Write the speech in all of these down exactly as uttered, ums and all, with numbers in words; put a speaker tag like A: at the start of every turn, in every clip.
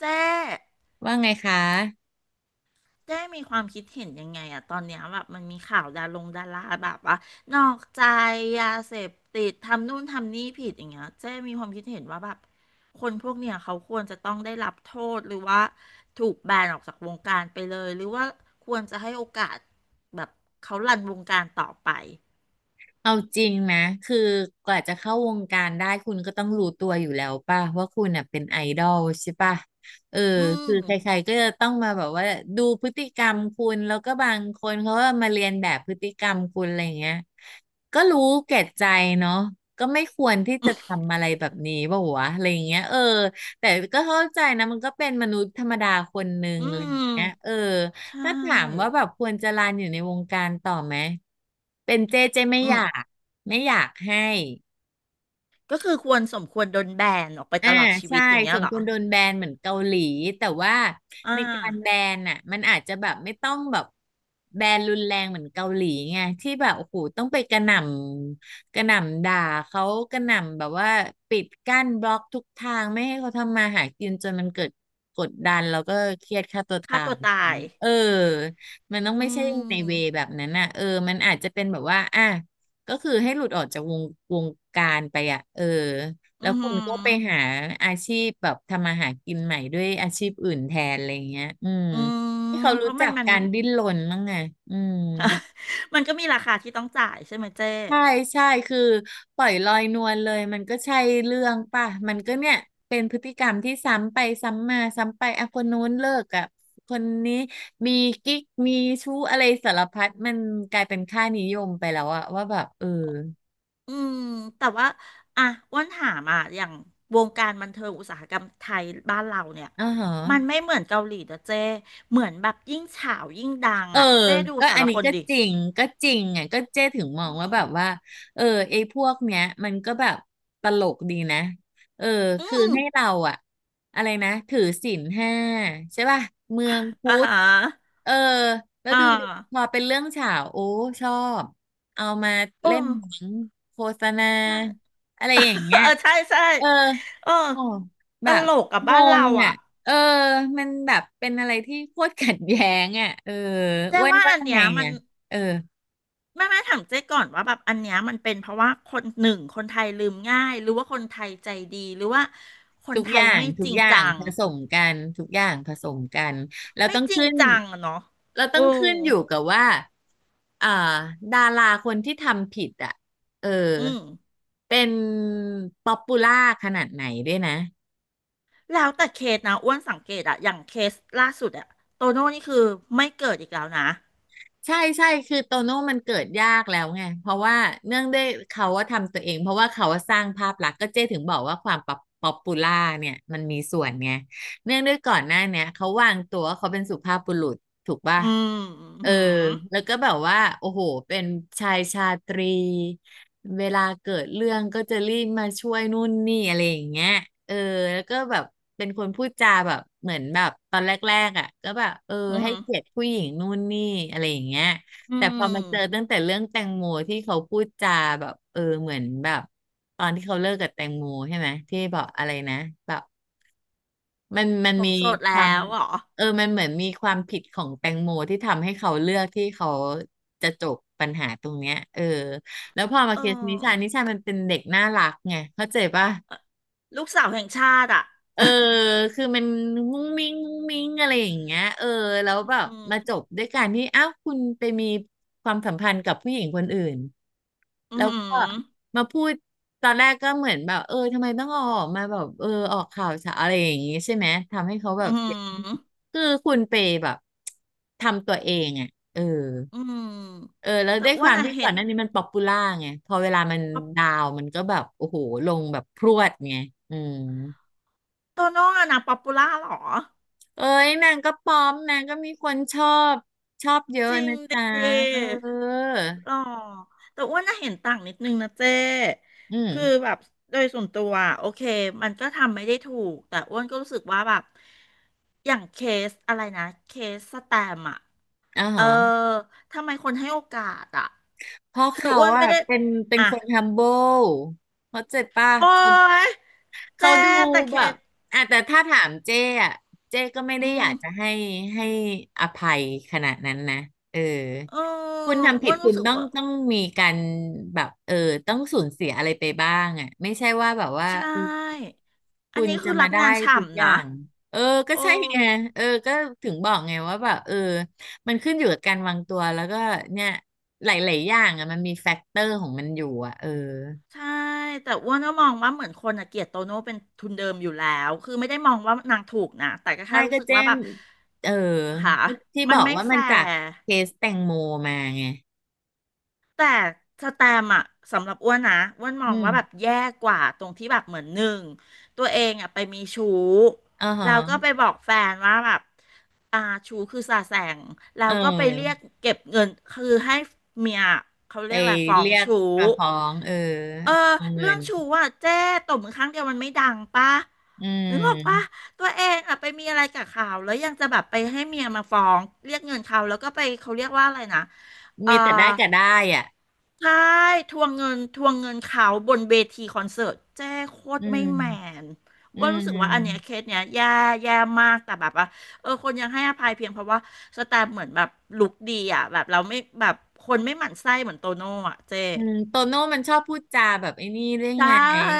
A: เจ๊
B: ว่าไงคะ
A: เจ๊มีความคิดเห็นยังไงอะตอนเนี้ยแบบมันมีข่าวดารงดาราแบบว่านอกใจยาเสพติดทำนู่นทำนี่ผิดอย่างเงี้ยเจ๊มีความคิดเห็นว่าแบบคนพวกเนี้ยเขาควรจะต้องได้รับโทษหรือว่าถูกแบนออกจากวงการไปเลยหรือว่าควรจะให้โอกาสแบบเขารันวงการต่อไป
B: เอาจริงนะ คือกว่าจะเข้าวงการได้คุณก็ต้องรู้ตัวอยู่แล้วป่ะว่าคุณน่ะเป็นไอดอลใช่ป่ะเออ
A: อืม
B: คือใครๆก็จะต้องมาแบบว่าดูพฤติกรรมคุณแล้วก็บางคนเขาก็มาเรียนแบบพฤติกรรมคุณอะไรเงี้ยก็รู้แก่ใจเนาะก็ไม่ควรที่จะทำอะไรแบบนี้ป่ะวะอะไรเงี้ยเออแต่ก็เข้าใจนะมันก็เป็นมนุษย์ธรรมดาคนหนึ่ง
A: อื
B: อะไร
A: ม
B: เงี้ยเออ
A: ใช
B: ถ้าถามว่า
A: ่
B: แบบควรจะลาอยู่ในวงการต่อไหม เป็นเจเจไม่
A: อื
B: อ
A: ม
B: ยาก ไม่อยากให้
A: ก็คือควรสมควรโดนแบนออกไป
B: อ่า
A: ตลอดชี
B: ใช่
A: วิตอย่างเงี้
B: ส
A: ย
B: ม
A: เหร
B: ค
A: อ
B: วรโดนแบนเหมือนเกาหลีแต่ว่า
A: อ่า
B: ในการแบนอ่ะมันอาจจะแบบไม่ต้องแบบแบนรุนแรงเหมือนเกาหลีไงที่แบบโอ้โหต้องไปกระหน่ำกระหน่ำด่าเขากระหน่ำแบบว่าปิดกั้นบล็อกทุกทางไม่ให้เขาทำมาหากินจนมันเกิดกดดันแล้วก็เครียดฆ่าตัว
A: ฆ่า
B: ตา
A: ตั
B: ย
A: วตา
B: อย่าง
A: ย
B: เงี้ยเออมันต้อง
A: อื
B: ไม่ใช่ในเว
A: ม
B: แบบนั้นอ่ะเออมันอาจจะเป็นแบบว่าอ่ะก็คือให้หลุดออกจากวงวงการไปอ่ะเออ แล้
A: อื
B: ว
A: อ
B: คุ
A: หื
B: ณ
A: อ
B: ก็ไปหาอาชีพแบบทำมาหากินใหม่ด้วยอาชีพอื่นแทนอะไรเงี้ยอืม
A: อืม
B: ให้เขา
A: เพ
B: รู้
A: ราะมั
B: จั
A: น
B: ก
A: มัน
B: การดิ้นร นบ้างไงอืม
A: มันก็มีราคาที่ต้องจ่ายใช่ไหมเจ๊
B: ใช่ใช่คือปล่อยลอยนวลเลยมันก็ใช่เรื่องป่ะ มันก็เนี่ยเป็นพฤติกรรมที่ซ้ำไปซ้ำมาซ้ำไปอ่ะคนนู้นเลิกกับคนนี้มีกิ๊กมีชู้อะไรสารพัดมันกลายเป็นค่านิยมไปแล้วอะว่าแบบเออ
A: อืมแต่ว่าอ่ะอ้วนถามอ่ะอย่างวงการบันเทิงอุตสาหกรรมไทยบ้านเราเนี่ย
B: อ๋อฮะ
A: มันไม่เหมือนเกาหลีนะเจ๊เหมือนแบบยิ่งฉาวยิ่งดัง
B: เออ
A: อ่ะเจ๊ดู
B: ก็
A: แต่
B: อัน
A: ละ
B: นี้
A: คน
B: ก็
A: ดิ
B: จริง ก็จริงไงก็เจ๊ถึงมองว่าแบบว่า เออ ไอ้พวกเนี้ยมันก็แบบตลกดีนะ เออ
A: อื
B: คือ
A: ม
B: ให้เราอะอะไรนะ ถือศีลห้าใช่ป่ะเมืองพุ
A: อ่า
B: ท
A: ฮ
B: ธ
A: ะ
B: เออ แล้ว
A: อ่า
B: ดูดิพอเป็นเรื่องฉาวโอ้ ชอบ เอามา
A: โอ้
B: เล่นหนังโฆษณา
A: ใช่
B: อะไรอย่าง เงี้ย
A: เออใช่ใช่
B: เออ
A: เออ
B: อ๋อ
A: ต
B: แบบ
A: ลกกับ
B: ง
A: บ้านเรา
B: ง
A: อ่ะ
B: อ่ะเออมันแบบเป็นอะไรที่โคตรขัดแย้งอ่ะเออ
A: เจ๊
B: อ้วน
A: ว่า
B: ว่า
A: อันเนี้
B: ไง
A: ยมัน
B: อ่ะเออ
A: ไม่ไม่ถามเจ๊ก่อนว่าแบบอันเนี้ยมันเป็นเพราะว่าคนหนึ่งคนไทยลืมง่ายหรือว่าคนไทยใจดีหรือว่าคน
B: ทุก
A: ไท
B: อ
A: ย
B: ย่าง
A: ไม่
B: ทุ
A: จ
B: ก
A: ริง
B: อย่า
A: จั
B: ง
A: ง
B: ผสมกันทุกอย่างผสมกันแล้ว
A: ไม่
B: ต้อง
A: จริง
B: ขึ้น
A: จังอะเนาะ
B: เราต้
A: โอ้
B: องขึ้นอยู่กับว่าอ่าดาราคนที่ทำผิดอ่ะเออ
A: อืม
B: เป็นป๊อปปูล่าขนาดไหนด้วยนะ
A: แล้วแต่เคสนะอ้วนสังเกตอะอย่างเคสล่าสุดอะโตโน่นี่คือไม่เกิดอีกแล้วนะ
B: ใช่ใช่คือโตโน่มันเกิดยากแล้วไงเพราะว่าเนื่องด้วยเขาว่าทำตัวเองเพราะว่าเขาว่าสร้างภาพลักษณ์ก็เจ๊ถึงบอกว่าความป๊อปป๊อปปูล่าเนี่ยมันมีส่วนไงเนื่องด้วยก่อนหน้าเนี่ยเขาวางตัวว่าเขาเป็นสุภาพบุรุษ ถูกป่ะ
A: อืมอื
B: เออ
A: ม
B: แล้วก็แบบว่าโอ้โหเป็นชายชาตรีเวลาเกิดเรื่องก็จะรีบมาช่วยนู่นนี่อะไรอย่างเงี้ยเออแล้วก็แบบเป็นคนพูดจาแบบเหมือนแบบตอนแรกๆอ่ะก็แบบเออ
A: อื
B: ให้
A: ม
B: เกียรติผู้หญิงนู่นนี่อะไรอย่างเงี้ย
A: อื
B: แต่พอมาเจอ
A: ม
B: ตั้งแต่เรื่องแตงโมที่เขาพูดจาแบบเออเหมือนแบบตอนที่เขาเลิกกับแตงโมใช่ไหมที่บอกอะไรนะแบบ มันมัน
A: ผ
B: มี
A: มโสด
B: ค
A: แล้
B: วาม
A: วเหรอ
B: เออมันเหมือนมีความผิดของแตงโมที่ทำให้เขาเลือกที่เขาจะจบปัญหาตรงเนี้ยเออแล้วพอมา
A: เอ
B: เคสนิชา
A: อ
B: นิชามันเป็นเด็กน่ารักไงเข้าใจป่ะ
A: ลูกสาวแห่งชาติอะ
B: เออคือมันมุ้งมิ้งมุ้งมิ้งอะไรอย่างเงี้ยเออแล้วแบ บ
A: อืม
B: มาจบด้วยการที่อ้าวคุณไปมีความสัมพันธ์กับผู้หญิงคนอื่น
A: อื
B: แล้วก็
A: ม
B: มาพูดตอนแรกก็เหมือนแบบเออทำไมต้องเอาออกมาแบบเออออกข่าวสารอะไรอย่างงี้ใช่ไหมทำให้เขาแบบ
A: อื
B: เสีย
A: ม
B: คือคุณไปแบบทำตัวเองอ่ะเออ
A: อืม
B: เออแล้ว
A: แต่
B: ด้วย
A: อ้
B: ค
A: ว
B: วา
A: น
B: ม
A: อะ
B: ที่ก่
A: เห็
B: อน
A: น
B: หน้านี้มันป๊อปปูล่าไงพอเวลามัน
A: ป๊อป
B: ดาวน์มันก็แบบโอ้โหลงแบบพรวดไงอืม
A: โตโน่อะนะป๊อปปูล่าหรอ
B: เอ้ยนางก็ป้อมนางก็มีคนชอบชอบเยอะ
A: จริง
B: นะ
A: ด
B: จ๊ะเอ
A: ิ
B: อ
A: หรอแต่อ้วนน่ะเห็นต่างนิดนึงนะเจ้
B: อืม
A: คือแบบโดยส่วนตัวอะโอเคมันก็ทำไม่ได้ถูกแต่อ้วนก็รู้สึกว่าแบบอย่างเคสอะไรนะเคสสแตมป์อะ
B: อ่า
A: เออ
B: ฮะ
A: ทำไมคนให้โอกาสอะ
B: เพราะ
A: คือ
B: เขา
A: อ้วน
B: อะ
A: ไม่ได้
B: เป็นเป็น
A: อ่ะ
B: คน humble เบิลเขาใจป่ะ
A: โอ๊
B: เขา
A: ย
B: เขา
A: เจ้
B: ดู
A: แต่เค
B: แบบ
A: ส
B: อ่ะแต่ถ้าถามเจ้อะเจ้ก็ไม่ได้
A: อื
B: อยา
A: ม
B: กจะให้ให้อภัยขนาดนั้นนะเออ
A: เออ
B: คุณทำ
A: อ้
B: ผิ
A: ว
B: ด
A: น
B: คุ
A: รู้
B: ณ
A: สึก
B: ต้อง
A: ว่า
B: ต้องมีการแบบเออต้องสูญเสียอะไรไปบ้างอะไม่ใช่ว่าแบบว่า
A: ใช่ อั
B: คุ
A: น
B: ณ
A: นี้คื
B: จะ
A: อรั
B: มา
A: บ
B: ได้
A: งาน
B: ทุก
A: ฉ่ำ
B: อ
A: นะ
B: ย่าง เออ ก็
A: โอ้
B: ใช่ไงเออก็ถึงบอกไงว่าแบบเออมันขึ้นอยู่กับการวางตัวแล้วก็เนี่ยหลายๆอย่างอ่ะมันมีแฟกเตอร์ของมันอยู่อ่ะเออ
A: ใช่แต่อ้วนก็มองว่าเหมือนคนอะเกลียดโตโน่เป็นทุนเดิมอยู่แล้วคือไม่ได้มองว่านางถูกนะแต่ก็แค่
B: ไม่
A: รู้
B: ก็
A: สึก
B: เจ้
A: ว่าแบ
B: ม
A: บ
B: เออ
A: หา
B: ที่
A: มั
B: บ
A: น
B: อก
A: ไม่
B: ว่า
A: แฟ
B: มันจาก
A: ร์
B: เคสแตงโมมาไง
A: แต่สแตมป์อะสำหรับอ้วนนะอ้วนม
B: อื
A: องว่าแบบ
B: ม
A: แย่กว่าตรงที่แบบเหมือนหนึ่งตัวเองอะไปมีชู้
B: อ่าฮะ
A: แล้วก็ไปบอกแฟนว่าแบบอ่าชู้คือสาแสงแล้
B: เอ
A: วก็ไปเรียก
B: อ
A: เก็บเงินคือให้เมียเขา
B: ไป
A: เรียกอะไรฟ้อง
B: เรียก
A: ชู้
B: ประฟ้องเออ
A: เออ
B: เอาเงิ
A: เรื่อง
B: น
A: ชู้อะเจ๊ตบมือครั้งเดียวมันไม่ดังปะ
B: อื
A: นึกออกปะ
B: ม
A: ตัวเองอะไปมีอะไรกับเขาแล้วยังจะแบบไปให้เมียมาฟ้องเรียกเงินเขาแล้วก็ไปเขาเรียกว่าอะไรนะเอ่อ
B: มีแต่ได้กับได้อ่ะ
A: ใช่ทวงเงินทวงเงินเขาบนเวทีคอนเสิร์ตแจ้โคต
B: อื
A: รไม่แม
B: ม
A: น
B: อื
A: อ้วนรู้สึกว่าอันเนี้ยเค
B: ม
A: สเนี้ยแย่แย่มากแต่แบบว่าเออคนยังให้อภัยเพียงเพราะว่าสแตมป์เหมือนแบบลุคดีอ่ะแบบเราไม่แบบคนไม่หมั่นไส้เหมือนโตโน่อ่ะเจ๊
B: อืมโตโน่มันชอบพูดจาแบบไอ้นี่เรื่อง
A: ใช่
B: ไง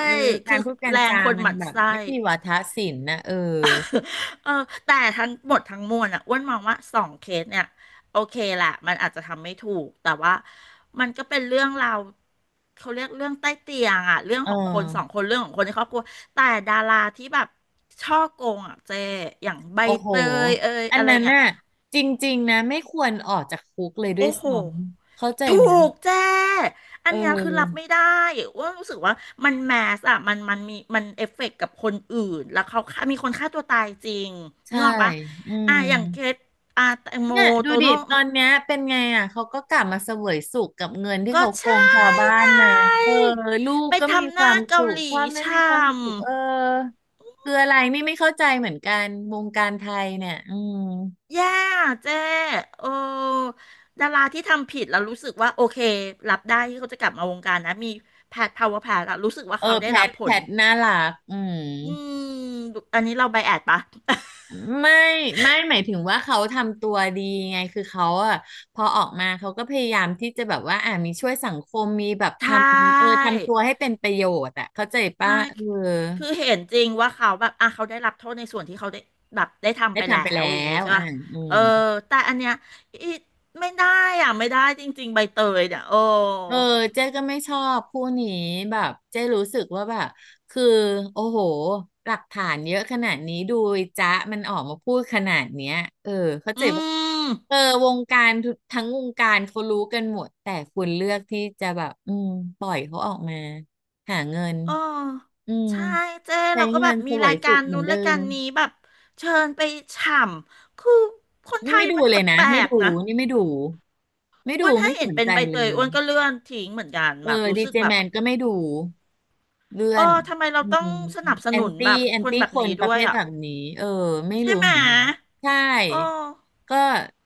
B: เออกา
A: คื
B: ร
A: อ
B: พูดการ
A: แรง
B: จา
A: คน
B: มั
A: ห
B: น
A: มั่น
B: แบบ
A: ไส้
B: ไม่มีวาทศิลป์นะเออ
A: เออแต่ทั้งหมดทั้งมวลอ่ะอ้วนมองว่าสองเคสเนี่ยโอเคแหละมันอาจจะทำไม่ถูกแต่ว่ามันก็เป็นเรื่องราวเขาเรียกเรื่องใต้เตียงอ่ะเรื่อง
B: เออ
A: ของคนสองคนเรื่องของคนในครอบครัวแต่ดาราที่แบบช่อโกงอ่ะเจอย่างใบ
B: โอ้โห
A: เตยเอย
B: อั
A: อะ
B: น
A: ไร
B: นั้น
A: เงี้ย
B: น่ะจริงๆนะไม่ควรออกจากคุกเลยด้วย
A: โอ้โห
B: ซ้ำเข้าใจ
A: ถู
B: ไหม
A: กแจ้อั
B: เ
A: นเนี้ยคือรับ
B: ออ
A: ไม่ได้ ว่ารู้สึกว่ามันแมสอะมันมันมีมันเอฟเฟกต์กับคนอื่นแล้วเขาฆ่ามีคนฆ่าตัวตายจริงนึ
B: ใช่
A: กออกปะ
B: อื
A: อ่ะ
B: ม
A: อย่างเคสอ่ะแตงโม
B: เนี่ยดู
A: โต
B: ดิ
A: โน่
B: ตอนเนี้ยเป็นไงอ่ะเขาก็กลับมาเสวยสุขกับเงินที่
A: ก็
B: เขาโกง
A: ใช่
B: ชาวบ้า
A: ไง
B: นมาเออลูก
A: ไป
B: ก็มี
A: ทำห
B: ควา
A: น้า
B: มสุ
A: เกา
B: ข
A: หลี
B: พ่อแม่มี
A: ช่
B: ความสุขเออคืออะไรนี่ไม่เข้าใจเหมือนกันวงการไทยเนี่ยอืม
A: ำ แย่เจ้โอ้ดาราที่ทำผิดแล้วรู้สึกว่าโอเครับได้ที่เขาจะกลับมาวงการนะมีแพทพาวเวอร์แพทอะรู้สึกว่า
B: เอ
A: เขา
B: อ
A: ได้
B: แพ
A: รั
B: ท
A: บผ
B: แพ
A: ล
B: ทน่ารักอืม
A: อืมอันนี้เราไบแอดปะ
B: ไม่ไม่หมายถึงว่าเขาทำตัวดีไงคือเขาอะพอออกมาเขาก็พยายามที่จะแบบว่าอ่ามีช่วยสังคมมีแบบ
A: ใช
B: ทำเออ
A: ่
B: ทำตัวให้เป็นประโยชน์อะเข้าใจป่ะ
A: ใช่
B: เออ
A: คือเห็นจริงว่าเขาแบบอ่ะเขาได้รับโทษในส่วนที่เขาได้แบบได้ทำ
B: ได้
A: ไปแล้
B: ทำไป
A: วอ
B: แล้
A: ย่างงี้
B: ว
A: ใช่
B: อ่า
A: ป่ะ
B: อื
A: เอ
B: ม
A: อแต่อันเนี้ยอีไม่ได้อ่ะไม่ได้จริงๆใบเตยเนี่ยโอ้
B: เออเจ๊ก็ไม่ชอบคู่นี้แบบเจ๊รู้สึกว่าแบบคือโอ้โหหลักฐานเยอะขนาดนี้ดูไอ้จ๊ะมันออกมาพูดขนาดเนี้ยเออเข้า
A: อื
B: ใจปะ
A: ม
B: เออวงการทุกทั้งวงการเขารู้กันหมดแต่คุณเลือกที่จะแบบอืมปล่อยเขาออกมาหาเงิน
A: เออ
B: อืม
A: ใช่เจ้
B: ใช้
A: เราก็
B: เงิ
A: แบ
B: น
A: บ
B: เส
A: มี
B: ว
A: รา
B: ย
A: ยกา
B: สุข
A: ร
B: เหมือ
A: นู้
B: น
A: น
B: เดิ
A: รายกา
B: ม
A: รนี้แบบเชิญไปฉ่ำคือคนไท
B: นี่
A: ย
B: ไม่ดู
A: มัน
B: เล
A: แป
B: ยนะ
A: ล
B: ไม่
A: ก
B: ดู
A: ๆนะ
B: นี่ไม่ดูไม่
A: อ้
B: ดู
A: วนถ้า
B: ไม่ส
A: เห็น
B: น
A: เป็น
B: ใจ
A: ใบ
B: เล
A: เตย
B: ย
A: อ้วนก็เลื่อนทิ้งเหมือนกัน
B: เอ
A: แบบ
B: อ
A: รู้
B: ดี
A: สึก
B: เจ
A: แบ
B: แม
A: บ
B: นก็ไม่ดูเลื่อ
A: เอ
B: น
A: อทำไมเรา
B: อื
A: ต้อง
B: ม
A: สนับส
B: แอน
A: นุน
B: ตี้
A: แบบ
B: แอน
A: คน
B: ตี้
A: แบบ
B: คน
A: นี้
B: ประ
A: ด้ว
B: เภ
A: ย
B: ท
A: อ่ะ
B: แบบนี้เออไม่
A: ใช่
B: รู้
A: ไหม
B: เหมือนกันใช่
A: โอ้
B: ก็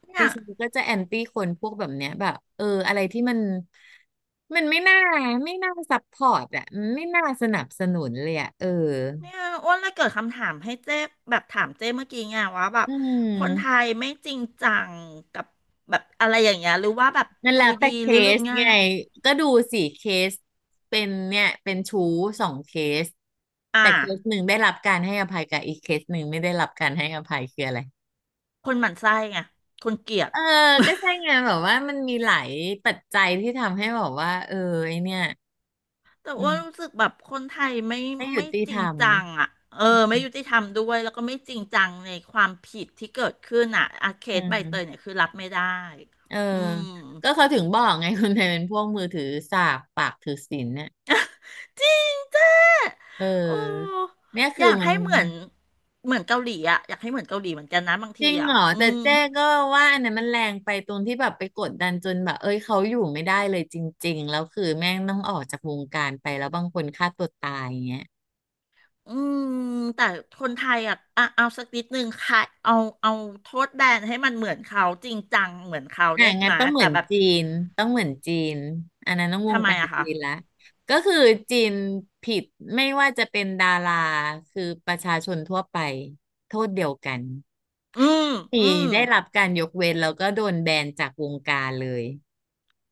A: เนี่
B: ดิ
A: ย
B: ฉันก็จะแอนตี้คนพวกแบบเนี้ยแบบเอออะไรที่มันมันไม่น่าไม่น่าซัพพอร์ตอ่ะมันไม่น่าสนับสนุนเลยอ่ะเออ
A: เนี่ยอ้วนเลยเกิดคำถามให้เจ๊แบบถามเจ๊เมื่อกี้ไงว่าแบบ
B: อื
A: คนไท
B: ม
A: ยไม่จริงจังกับแบบอะไรอย่างเงี้ยหรือว่าแบบ
B: นั่น
A: ใจ
B: แหละแต่
A: ดี
B: เค
A: หรือลืม
B: ส
A: ง่า
B: ไง
A: ย
B: ก็ดูสี่เคสเป็นเนี่ยเป็นชู้สองเคส
A: อ่า
B: แต่เคสหนึ่งได้รับการให้อภัยกับอีกเคสหนึ่งไม่ได้รับการให้อภัยคืออะไร
A: คนหมั่นไส้ไงคนเกลียด
B: เออก็ ใช่ไงแบบว่ามันมีหลายปัจจัยที่ทำให้แบบว่าเออไอเนี่ย
A: แต่
B: อื
A: ว่ารู้
B: ม
A: สึกแบบคนไทยไม่
B: ไม่ยุ
A: ไม่
B: ติ
A: จ
B: ธ
A: ริ
B: ร
A: ง
B: รม
A: จังอ่ะเอ
B: อื
A: อไม่ยุติ
B: ม
A: ธรรมด้วยแล้วก็ไม่จริงจังในความผิดที่เกิดขึ้นอ่ะอาเค
B: อื
A: สใบเตย
B: ม
A: เนี่ยคือรับไม่ได้
B: เออ
A: อืม
B: ก็เขาถึงบอกไงคนไทยเป็นพวกมือถือสากปากถือศีลเนี่ย
A: จริงจ้า
B: เ
A: โอ้
B: ออเนี่ย
A: อ
B: คือ
A: ยาก
B: มัน
A: ให้เหมือนเหมือนเกาหลีอ่ะอยากให้เหมือนเกาหลีเหมือนกันนะบาง
B: จ
A: ที
B: ริง
A: อ่ะ
B: เหรอ
A: อื
B: แต่
A: ม
B: เจ๊ก็ว่าอันนั้นมันแรงไปตรงที่แบบไปกดดันจนแบบเอ้ยเขาอยู่ไม่ได้เลยจริงๆแล้วคือแม่งต้องออกจากวงการไปแล้วบางคนฆ่าตัวตายอย่างเงี้ย
A: อืมแต่คนไทยอ่ะอ่ะเอาสักนิดนึงค่ะเอาเอาโทษแบนให้มันเหมือนเขาจริงจังเหมือนเขา
B: อ่ะ
A: ได้
B: งั้
A: ไหม
B: นต้องเห
A: แต่
B: มือน
A: แบบ
B: จีนต้องเหมือนจีนอันนั้นต้องว
A: ทำ
B: ง
A: ไม
B: การ
A: อะคะ
B: จีนละก็คือจีนผิดไม่ว่าจะเป็นดาราคือประชาชนทั่วไปโทษเดียวกัน
A: อืมอื
B: มี
A: ม
B: ได้รับการยกเว้นแล้วก็โดนแบนจากวงการเลย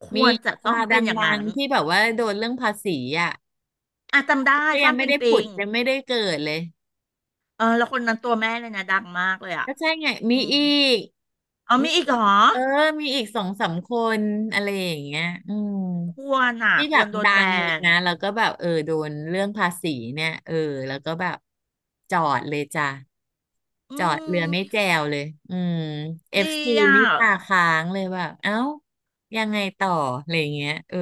A: ค
B: มี
A: วรจะ
B: ดา
A: ต้อง
B: ราด
A: เป็นอย่าง
B: ัง
A: นั้น
B: ๆที่แบบว่าโดนเรื่องภาษีอ่ะ
A: อ่ะจำได้
B: ก็ยั
A: ฟ้า
B: ง
A: น
B: ไม่
A: ปิง
B: ได้
A: ปิ
B: ผุด
A: ง
B: ยังไม่ได้เกิดเลย
A: เออแล้วคนนั้นตัวแม่เลยนะดังมากเลยอ่ะ
B: ก็ใช่ไงมี
A: อืม
B: อีก
A: เอา
B: มี
A: มีอีกเห
B: อี
A: ร
B: ก
A: อ
B: เออมีอีกสองสามคนอะไรอย่างเงี้ยอืม
A: ควรอ่ะ
B: ที่
A: ค
B: แบ
A: ว
B: บ
A: รโดน
B: ดั
A: แบ
B: งเลย
A: น
B: นะแล้วก็แบบเออโดนเรื่องภาษีเนี่ยเออแล้วก็แบบจอดเลยจ้ะ
A: อื
B: จอดเรือ
A: ม
B: ไม่แจวเลยอืมเอ
A: ดี
B: ฟซี
A: อ่ะ
B: นี่ตาค้างเลยแบบเอ้ายังไงต่ออะไรอย่างเงี้ยเออ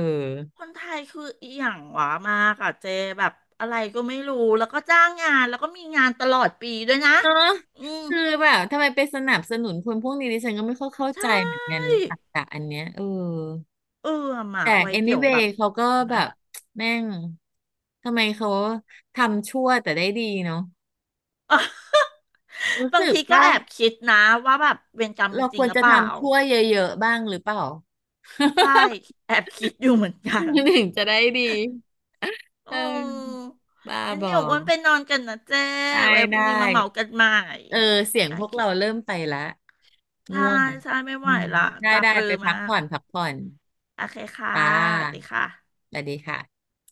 A: คนไทยคืออหย่างหวามากอ่ะเจแบบอะไรก็ไม่รู้แล้วก็จ้างงานแล้วก็มีงานตลอดปีด้วยนะ
B: เนอะ
A: อืม
B: คือแบบทำไมไปสนับสนุนคนพวกนี้ดิฉันก็ไม่ค่อยเข้า
A: ใช
B: ใจเหมือนกัน
A: ่
B: ตรรกะอันเนี้ยเออ
A: เออมา
B: แต่
A: ไว้เดี๋ยวแบ
B: anyway
A: บ
B: เขาก็แบ
A: นะ
B: บ แม่งทำไมเขาทำชั่วแต่ได้ดีเนาะ
A: อ่ะ
B: รู้
A: บาง
B: สึก
A: ทีก็
B: ป่ะ
A: แอบคิดนะว่าแบบเวรกรรมมี
B: เรา
A: จ
B: ค
A: ริง
B: วร
A: หรือ
B: จะ
A: เปล่า
B: ทำชั่วเยอะๆบ้างหรือเปล่า
A: ใช่แอบคิดอยู่เหมือนกัน
B: ถึงจะได้ดีเอ
A: โอ้
B: อบ้า
A: งั้น
B: บอ
A: เดี๋ยวอ้วันไปนอนกันนะเจ้
B: ได้
A: ไว้พรุ่
B: ได้
A: งนี้มาเมากันใหม่
B: เออเสียง
A: โอ
B: พวก
A: เค
B: เราเริ่มไปละ
A: ใช่
B: ง่วง
A: ใช่ไม่
B: อื
A: ไหว
B: ม
A: ละ
B: ได้
A: ตา
B: ได้
A: ปรือ
B: ไปพั
A: มา
B: ก
A: ก
B: ผ่อนพักผ่อน
A: โอเคค่ะ
B: จ้
A: สวัสดี
B: า
A: ค่ะ
B: สวัสดีค่ะ